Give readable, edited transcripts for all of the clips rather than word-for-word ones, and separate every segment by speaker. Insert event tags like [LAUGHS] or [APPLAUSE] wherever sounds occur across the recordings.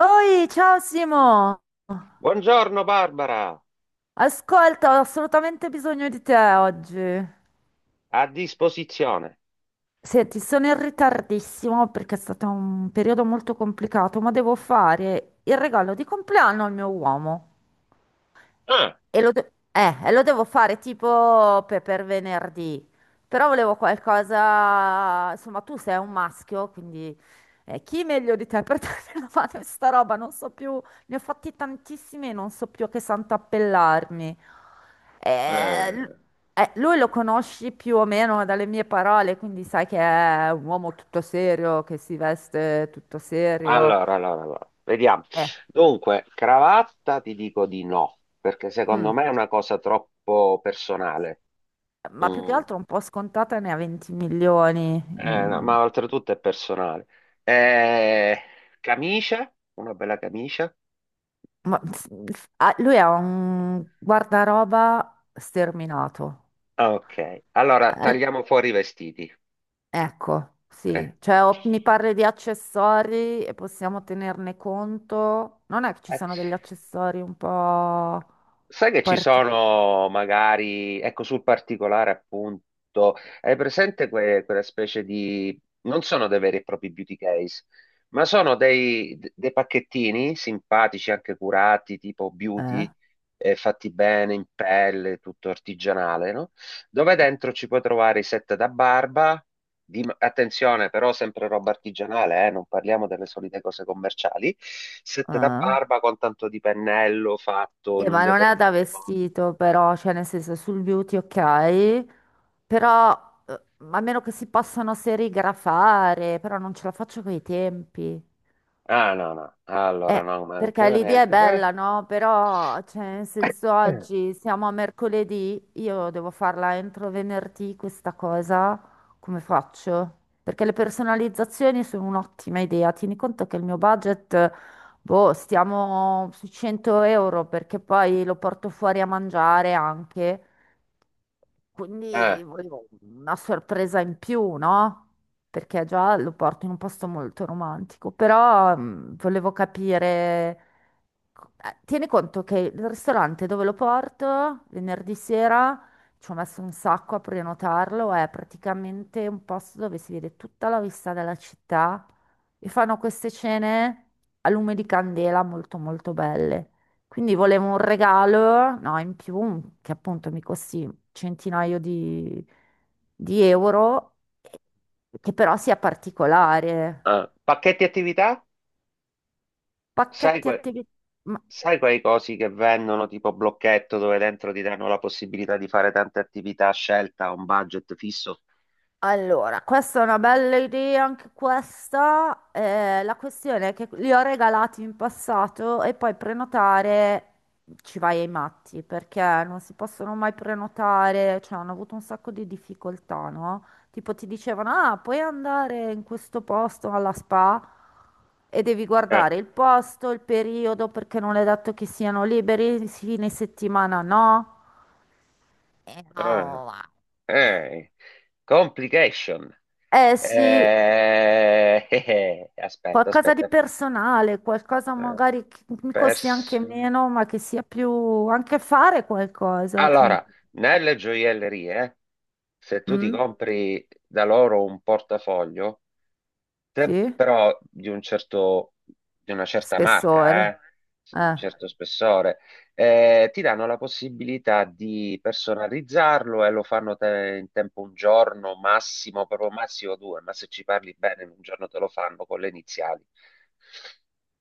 Speaker 1: Oi, ciao Simo!
Speaker 2: Buongiorno Barbara,
Speaker 1: Ascolta, ho assolutamente bisogno di te oggi.
Speaker 2: a disposizione.
Speaker 1: Senti, sono in ritardissimo perché è stato un periodo molto complicato, ma devo fare il regalo di compleanno al mio uomo.
Speaker 2: Ah,
Speaker 1: E lo devo fare tipo per venerdì. Però volevo qualcosa. Insomma, tu sei un maschio, quindi chi meglio di te per [LAUGHS] darmi una mano in sta roba? Non so più, ne ho fatti tantissimi e non so più a che santo appellarmi. Eh, l-
Speaker 2: eh,
Speaker 1: Lui lo conosci più o meno dalle mie parole, quindi sai che è un uomo tutto serio, che si veste tutto serio.
Speaker 2: allora, vediamo.
Speaker 1: Eh,
Speaker 2: Dunque, cravatta ti dico di no, perché secondo
Speaker 1: mm.
Speaker 2: me è una cosa troppo personale.
Speaker 1: Ma più che
Speaker 2: Mm,
Speaker 1: altro un po' scontata, ne ha 20 milioni.
Speaker 2: no,
Speaker 1: Mm,
Speaker 2: ma oltretutto è personale. Eh, Camicia, una bella camicia.
Speaker 1: ma- ah, lui ha un guardaroba sterminato.
Speaker 2: Ok, allora
Speaker 1: Eh,
Speaker 2: tagliamo fuori i vestiti.
Speaker 1: ecco,
Speaker 2: Eh.
Speaker 1: sì, cioè, o mi parli di accessori e possiamo tenerne conto. Non è che ci
Speaker 2: Eh.
Speaker 1: sono degli accessori un po'
Speaker 2: Sai che ci
Speaker 1: particolari?
Speaker 2: sono magari, ecco sul particolare appunto, hai presente quella specie di, non sono dei veri e propri beauty case, ma sono dei pacchettini simpatici, anche curati, tipo
Speaker 1: Eh?
Speaker 2: beauty, fatti bene in pelle, tutto artigianale, no? Dove dentro ci puoi trovare i set da barba. Attenzione, però, sempre roba artigianale, non parliamo delle solite cose commerciali. Set da
Speaker 1: Eh?
Speaker 2: barba con tanto di pennello fatto in un
Speaker 1: Ma non è da
Speaker 2: determinato modo.
Speaker 1: vestito, però, cioè nel senso sul beauty ok, però eh, a meno che si possano serigrafare, però non ce la faccio coi tempi.
Speaker 2: Ah, no, no, allora no,
Speaker 1: Perché
Speaker 2: manca
Speaker 1: l'idea è
Speaker 2: neanche
Speaker 1: bella,
Speaker 2: questo.
Speaker 1: no? Però, cioè, nel senso,
Speaker 2: Eh.
Speaker 1: oggi siamo a mercoledì, io devo farla entro venerdì questa cosa, come faccio? Perché le personalizzazioni sono un'ottima idea. Tieni conto che il mio budget, boh, stiamo sui 100 euro, perché poi lo porto fuori a mangiare anche.
Speaker 2: Eh,
Speaker 1: Quindi volevo una sorpresa in più, no? Perché già lo porto in un posto molto romantico, però volevo capire... Tieni conto che il ristorante dove lo porto venerdì sera, ci ho messo un sacco a prenotarlo, è praticamente un posto dove si vede tutta la vista della città e fanno queste cene a lume di candela molto molto belle. Quindi volevo un regalo, no, in più, che appunto mi costi centinaio di euro, che però sia particolare.
Speaker 2: Pacchetti attività? Sai,
Speaker 1: Pacchetti
Speaker 2: que-
Speaker 1: attività.
Speaker 2: Sai quei cosi che vendono tipo blocchetto dove dentro ti danno la possibilità di fare tante attività a scelta a un budget fisso?
Speaker 1: Allora, questa è una bella idea, anche questa. La questione è che li ho regalati in passato e poi prenotare, ci vai ai matti perché non si possono mai prenotare, cioè hanno avuto un sacco di difficoltà, no? Tipo ti dicevano, ah, puoi andare in questo posto alla spa e devi
Speaker 2: Eh,
Speaker 1: guardare il posto, il periodo, perché non è detto che siano liberi, fine settimana no.
Speaker 2: eh,
Speaker 1: No. Va.
Speaker 2: Eh, complication.
Speaker 1: Eh sì.
Speaker 2: [LAUGHS] Aspetta,
Speaker 1: Qualcosa di
Speaker 2: aspetta.
Speaker 1: personale, qualcosa
Speaker 2: Eh,
Speaker 1: magari che mi costi
Speaker 2: pers-
Speaker 1: anche meno, ma che sia più, anche fare qualcosa,
Speaker 2: Allora,
Speaker 1: tipo.
Speaker 2: nelle gioiellerie, se tu ti
Speaker 1: Mm?
Speaker 2: compri da loro un portafoglio, sempre
Speaker 1: Sì?
Speaker 2: però di una certa marca,
Speaker 1: Spessore.
Speaker 2: di un
Speaker 1: Eh.
Speaker 2: certo spessore, ti danno la possibilità di personalizzarlo e lo fanno in tempo un giorno, massimo, proprio massimo due, ma se ci parli bene in un giorno te lo fanno con le iniziali.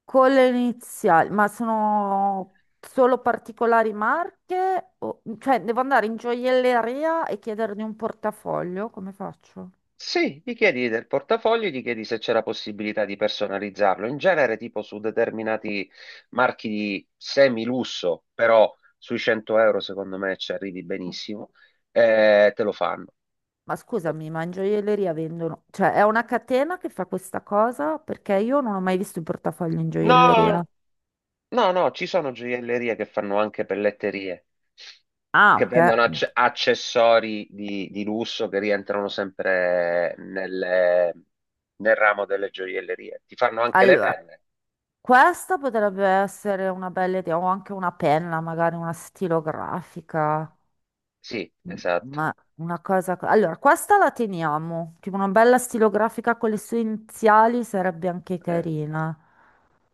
Speaker 1: Con le iniziali, ma sono solo particolari marche? O... cioè, devo andare in gioielleria e chiedergli un portafoglio? Come faccio?
Speaker 2: Sì, gli chiedi del portafoglio, gli chiedi se c'è la possibilità di personalizzarlo. In genere, tipo su determinati marchi di semi-lusso, però sui 100 euro secondo me ci arrivi benissimo, te lo fanno.
Speaker 1: Ma scusami, ma in gioielleria vendono... cioè, è una catena che fa questa cosa? Perché io non ho mai visto il portafoglio in gioielleria.
Speaker 2: No, no, no, ci sono gioiellerie che fanno anche pelletterie,
Speaker 1: Ah,
Speaker 2: che vendono
Speaker 1: ok.
Speaker 2: accessori di lusso che rientrano sempre nel ramo delle gioiellerie. Ti fanno anche le
Speaker 1: Allora,
Speaker 2: penne.
Speaker 1: questa potrebbe essere una bella idea, o anche una penna, magari una stilografica,
Speaker 2: Sì,
Speaker 1: m-
Speaker 2: esatto.
Speaker 1: ma una cosa... Allora, questa la teniamo, tipo una bella stilografica con le sue iniziali sarebbe anche
Speaker 2: eh.
Speaker 1: carina.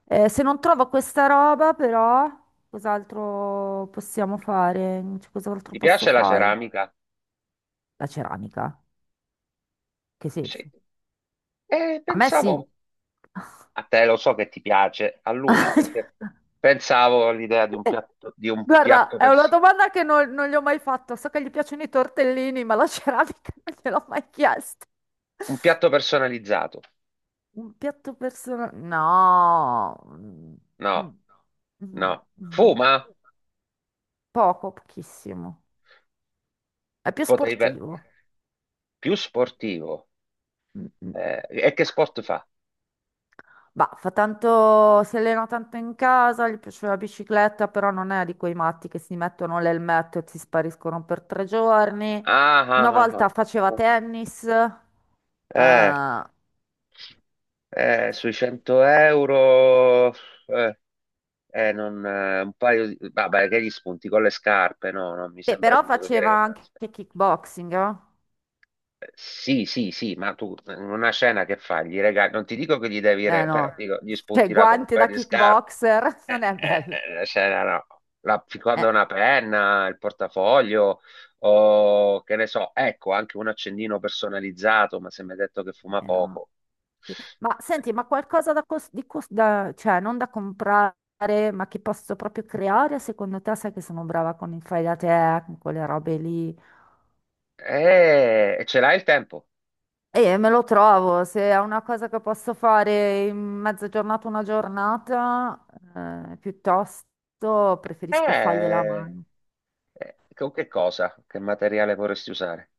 Speaker 1: Se non trovo questa roba, però, cos'altro possiamo fare? Cioè, cos'altro
Speaker 2: Ti
Speaker 1: posso
Speaker 2: piace la
Speaker 1: fare?
Speaker 2: ceramica?
Speaker 1: La ceramica, che
Speaker 2: Sì.
Speaker 1: senso?
Speaker 2: E
Speaker 1: A me
Speaker 2: pensavo
Speaker 1: sì.
Speaker 2: a te, lo so che ti piace, a lui, perché pensavo all'idea
Speaker 1: [LAUGHS]
Speaker 2: di un
Speaker 1: Guarda,
Speaker 2: piatto,
Speaker 1: è una
Speaker 2: pers-
Speaker 1: domanda che non gli ho mai fatto. So che gli piacciono i tortellini, ma la ceramica [LAUGHS] non gliel'ho mai chiesto.
Speaker 2: un piatto personalizzato.
Speaker 1: Un piatto personale? No. Mm, mm,
Speaker 2: No,
Speaker 1: mm,
Speaker 2: no.
Speaker 1: mm.
Speaker 2: Fuma?
Speaker 1: Poco, pochissimo. È più
Speaker 2: Potevi pe-
Speaker 1: sportivo.
Speaker 2: Più sportivo.
Speaker 1: Mm, mm.
Speaker 2: E che sport fa?
Speaker 1: Bah, fa tanto, si allena tanto in casa, gli piace la bicicletta, però non è di quei matti che si mettono l'elmetto e si spariscono per tre giorni.
Speaker 2: Ah,
Speaker 1: Una
Speaker 2: ah, ah,
Speaker 1: volta
Speaker 2: ah.
Speaker 1: faceva tennis.
Speaker 2: Eh,
Speaker 1: Eh.
Speaker 2: Sui 100 euro, eh, non, un paio di... Vabbè, che gli spunti con le scarpe? No, non mi
Speaker 1: Beh,
Speaker 2: sembra
Speaker 1: però
Speaker 2: tipo che dire
Speaker 1: faceva
Speaker 2: che...
Speaker 1: anche kickboxing, no?
Speaker 2: Sì, sì, sì, ma tu in una scena che fai? Gli regali, non ti dico che gli devi,
Speaker 1: Eh
Speaker 2: però
Speaker 1: no,
Speaker 2: dico, gli
Speaker 1: cioè
Speaker 2: sputi là con un
Speaker 1: guanti
Speaker 2: paio
Speaker 1: da
Speaker 2: di scarpe,
Speaker 1: kickboxer [LAUGHS] non è bello.
Speaker 2: la scena no, la,
Speaker 1: Eh,
Speaker 2: quando una penna, il portafoglio, o che ne so, ecco, anche un accendino personalizzato, ma se mi hai detto che fuma
Speaker 1: no.
Speaker 2: poco,
Speaker 1: Sì. Ma senti, ma qualcosa da, cos- di cos- da- cioè non da comprare, ma che posso proprio creare? Secondo te, sai che sono brava con il fai da te, con quelle robe lì?
Speaker 2: e ce l'hai il tempo?
Speaker 1: E me lo trovo, se è una cosa che posso fare in mezza giornata, una giornata, piuttosto preferisco fargliela a
Speaker 2: Eh,
Speaker 1: mano.
Speaker 2: con che cosa? Che materiale vorresti usare?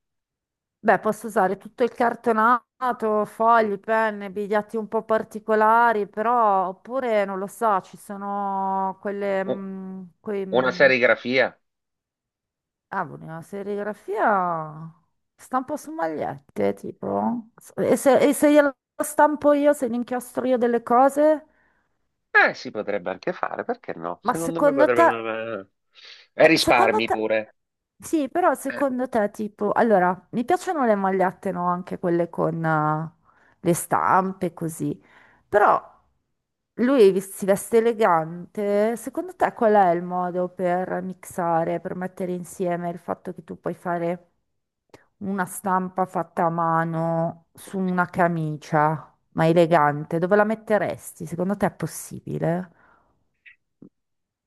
Speaker 1: Beh, posso usare tutto il cartonato, fogli, penne, biglietti un po' particolari, però oppure non lo so, ci sono quelle,
Speaker 2: U-
Speaker 1: mm, quei,
Speaker 2: Una
Speaker 1: mm,
Speaker 2: serigrafia?
Speaker 1: ah, una serigrafia, stampo su magliette, tipo. E se glielo stampo io, se ne inchiostro io delle cose?
Speaker 2: Si potrebbe anche fare, perché no?
Speaker 1: Ma
Speaker 2: Secondo me
Speaker 1: secondo te...
Speaker 2: potrebbe... E
Speaker 1: Secondo
Speaker 2: risparmi
Speaker 1: te,
Speaker 2: pure.
Speaker 1: sì, però
Speaker 2: Eh,
Speaker 1: secondo te, tipo, allora, mi piacciono le magliette, no? Anche quelle con le stampe, così. Però lui si veste elegante. Secondo te qual è il modo per mixare, per mettere insieme il fatto che tu puoi fare una stampa fatta a mano su una camicia, ma elegante? Dove la metteresti? Secondo te è possibile?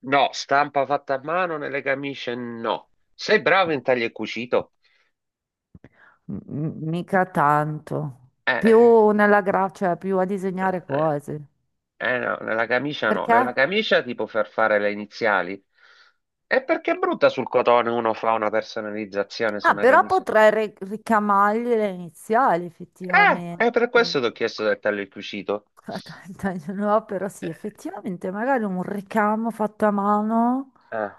Speaker 2: no, stampa fatta a mano nelle camicie, no. Sei bravo in taglio e cucito?
Speaker 1: Mica tanto.
Speaker 2: Eh, eh,
Speaker 1: Più nella cioè più a disegnare
Speaker 2: eh,
Speaker 1: cose.
Speaker 2: no, nella camicia no. Nella
Speaker 1: Perché?
Speaker 2: camicia ti può far fare le iniziali. E perché è brutta sul cotone uno fa una personalizzazione su
Speaker 1: Ah,
Speaker 2: una
Speaker 1: però
Speaker 2: camicia?
Speaker 1: potrei ricamargli le iniziali,
Speaker 2: Eh,
Speaker 1: effettivamente.
Speaker 2: è per questo ti ho chiesto del taglio e cucito.
Speaker 1: [LAUGHS] Dai, no, però
Speaker 2: Eh,
Speaker 1: sì, effettivamente magari un ricamo fatto a mano
Speaker 2: eh.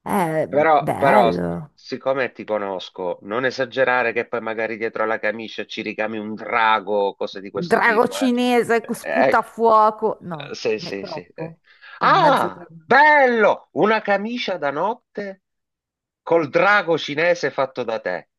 Speaker 1: è
Speaker 2: Però,
Speaker 1: bello.
Speaker 2: siccome ti conosco, non esagerare che poi magari dietro alla camicia ci ricami un drago, cose di questo
Speaker 1: Drago
Speaker 2: tipo.
Speaker 1: cinese che
Speaker 2: Eh,
Speaker 1: sputa fuoco.
Speaker 2: eh,
Speaker 1: No,
Speaker 2: sì,
Speaker 1: è
Speaker 2: sì, sì.
Speaker 1: troppo. Sì, mezzo
Speaker 2: Ah,
Speaker 1: giorno.
Speaker 2: bello! Una camicia da notte col drago cinese fatto da te.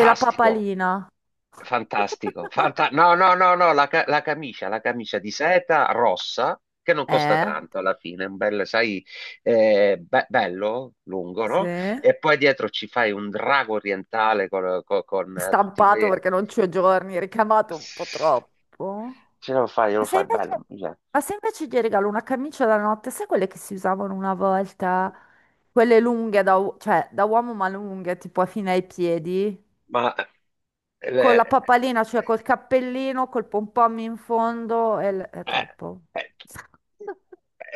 Speaker 1: E la papalina?
Speaker 2: Fantastico.
Speaker 1: [LAUGHS]
Speaker 2: No, no, no, no, la camicia di seta rossa che non costa
Speaker 1: Eh?
Speaker 2: tanto alla fine, un bel, sai, bello, lungo,
Speaker 1: Sì.
Speaker 2: no? E poi dietro ci fai un drago orientale con, tutti
Speaker 1: Stampato
Speaker 2: quei...
Speaker 1: perché non ci ho giorni, ricamato un po' troppo.
Speaker 2: Ce
Speaker 1: Ma
Speaker 2: lo
Speaker 1: se
Speaker 2: fai, bello.
Speaker 1: invece,
Speaker 2: Mi piace.
Speaker 1: ma se invece gli regalo una camicia da notte, sai quelle che si usavano una volta? Quelle lunghe, cioè da uomo ma lunghe, tipo fino ai piedi,
Speaker 2: Ma,
Speaker 1: con la
Speaker 2: eh,
Speaker 1: papalina, cioè col cappellino, col pompom in fondo, è
Speaker 2: Eh,
Speaker 1: troppo.
Speaker 2: eh,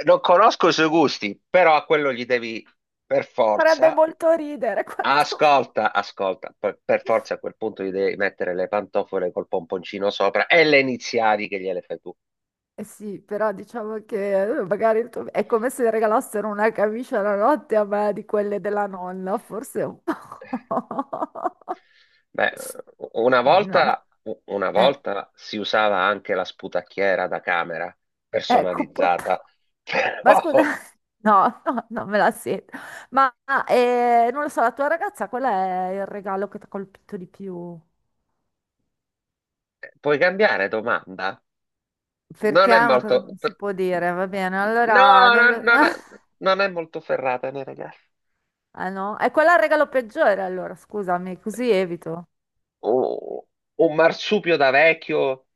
Speaker 2: non conosco i suoi gusti, però a quello gli devi per
Speaker 1: Farebbe
Speaker 2: forza.
Speaker 1: molto ridere [LAUGHS] quanto...
Speaker 2: Ascolta, ascolta, per forza a quel punto gli devi mettere le pantofole col pomponcino sopra e le iniziali che gliele fai tu.
Speaker 1: Eh sì, però diciamo che magari è come se regalassero una camicia la notte a me di quelle della nonna, forse un po'. [LAUGHS]
Speaker 2: Beh, una
Speaker 1: No, ma
Speaker 2: volta, una
Speaker 1: eh,
Speaker 2: volta si usava anche la sputacchiera da camera
Speaker 1: ecco, un po'
Speaker 2: personalizzata, [LAUGHS]
Speaker 1: ma
Speaker 2: però
Speaker 1: scusa, [LAUGHS] no, no, non me la sento. Ma non lo so, la tua ragazza, qual è il regalo che ti ha colpito di più?
Speaker 2: puoi cambiare domanda? Non
Speaker 1: Perché
Speaker 2: è
Speaker 1: è una cosa che
Speaker 2: molto,
Speaker 1: non si può dire, va bene,
Speaker 2: no,
Speaker 1: allora non
Speaker 2: no,
Speaker 1: lo...
Speaker 2: non è,
Speaker 1: [LAUGHS]
Speaker 2: non è molto ferrata, né, ragazzi.
Speaker 1: Ah no, è quello il regalo peggiore allora, scusami, così evito.
Speaker 2: O- Un marsupio da vecchio,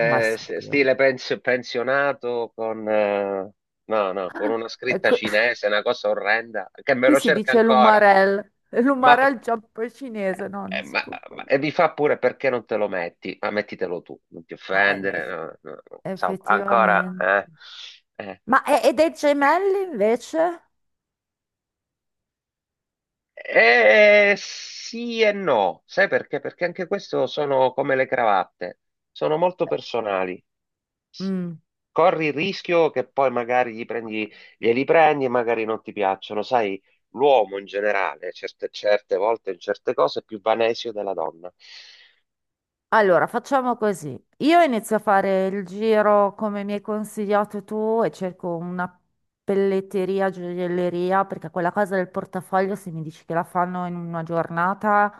Speaker 1: Ma
Speaker 2: s-
Speaker 1: subito.
Speaker 2: stile pensionato, con, no, no, con una scritta cinese, una cosa orrenda, che me
Speaker 1: Qui
Speaker 2: lo
Speaker 1: si
Speaker 2: cerca
Speaker 1: dice
Speaker 2: ancora.
Speaker 1: l'umarel,
Speaker 2: Ma, p-
Speaker 1: l'umarel giappo cinese, no,
Speaker 2: eh,
Speaker 1: non si
Speaker 2: ma-
Speaker 1: può
Speaker 2: ma-
Speaker 1: fare.
Speaker 2: e mi fa pure perché non te lo metti? Ma mettitelo tu, non ti
Speaker 1: No,
Speaker 2: offendere. No, no, no. No." Insomma, ancora.
Speaker 1: effettivamente.
Speaker 2: Eh.
Speaker 1: Ma e dei gemelli invece?
Speaker 2: Eh. sì e no, sai perché? Perché anche questo sono come le cravatte, sono molto personali. S-
Speaker 1: Mm.
Speaker 2: Corri il rischio che poi magari glieli prendi e magari non ti piacciono. Sai, l'uomo in generale, certe volte in certe cose, è più vanesio della donna.
Speaker 1: Allora, facciamo così. Io inizio a fare il giro come mi hai consigliato tu e cerco una pelletteria, gioielleria, perché quella cosa del portafoglio, se mi dici che la fanno in una giornata,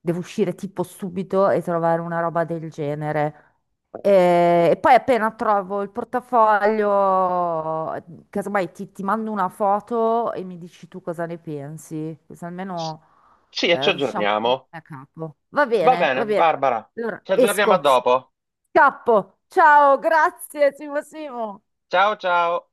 Speaker 1: devo uscire tipo subito e trovare una roba del genere.
Speaker 2: Eh,
Speaker 1: E poi appena trovo il portafoglio, casomai ti mando una foto e mi dici tu cosa ne pensi, così
Speaker 2: s-
Speaker 1: almeno
Speaker 2: Sì, e ci
Speaker 1: riusciamo
Speaker 2: aggiorniamo.
Speaker 1: a capo. Va
Speaker 2: Va
Speaker 1: bene,
Speaker 2: bene,
Speaker 1: va bene.
Speaker 2: Barbara,
Speaker 1: Allora,
Speaker 2: ci aggiorniamo a
Speaker 1: esco,
Speaker 2: dopo.
Speaker 1: scappo. Ciao, grazie, Simo Simo.
Speaker 2: Ciao ciao.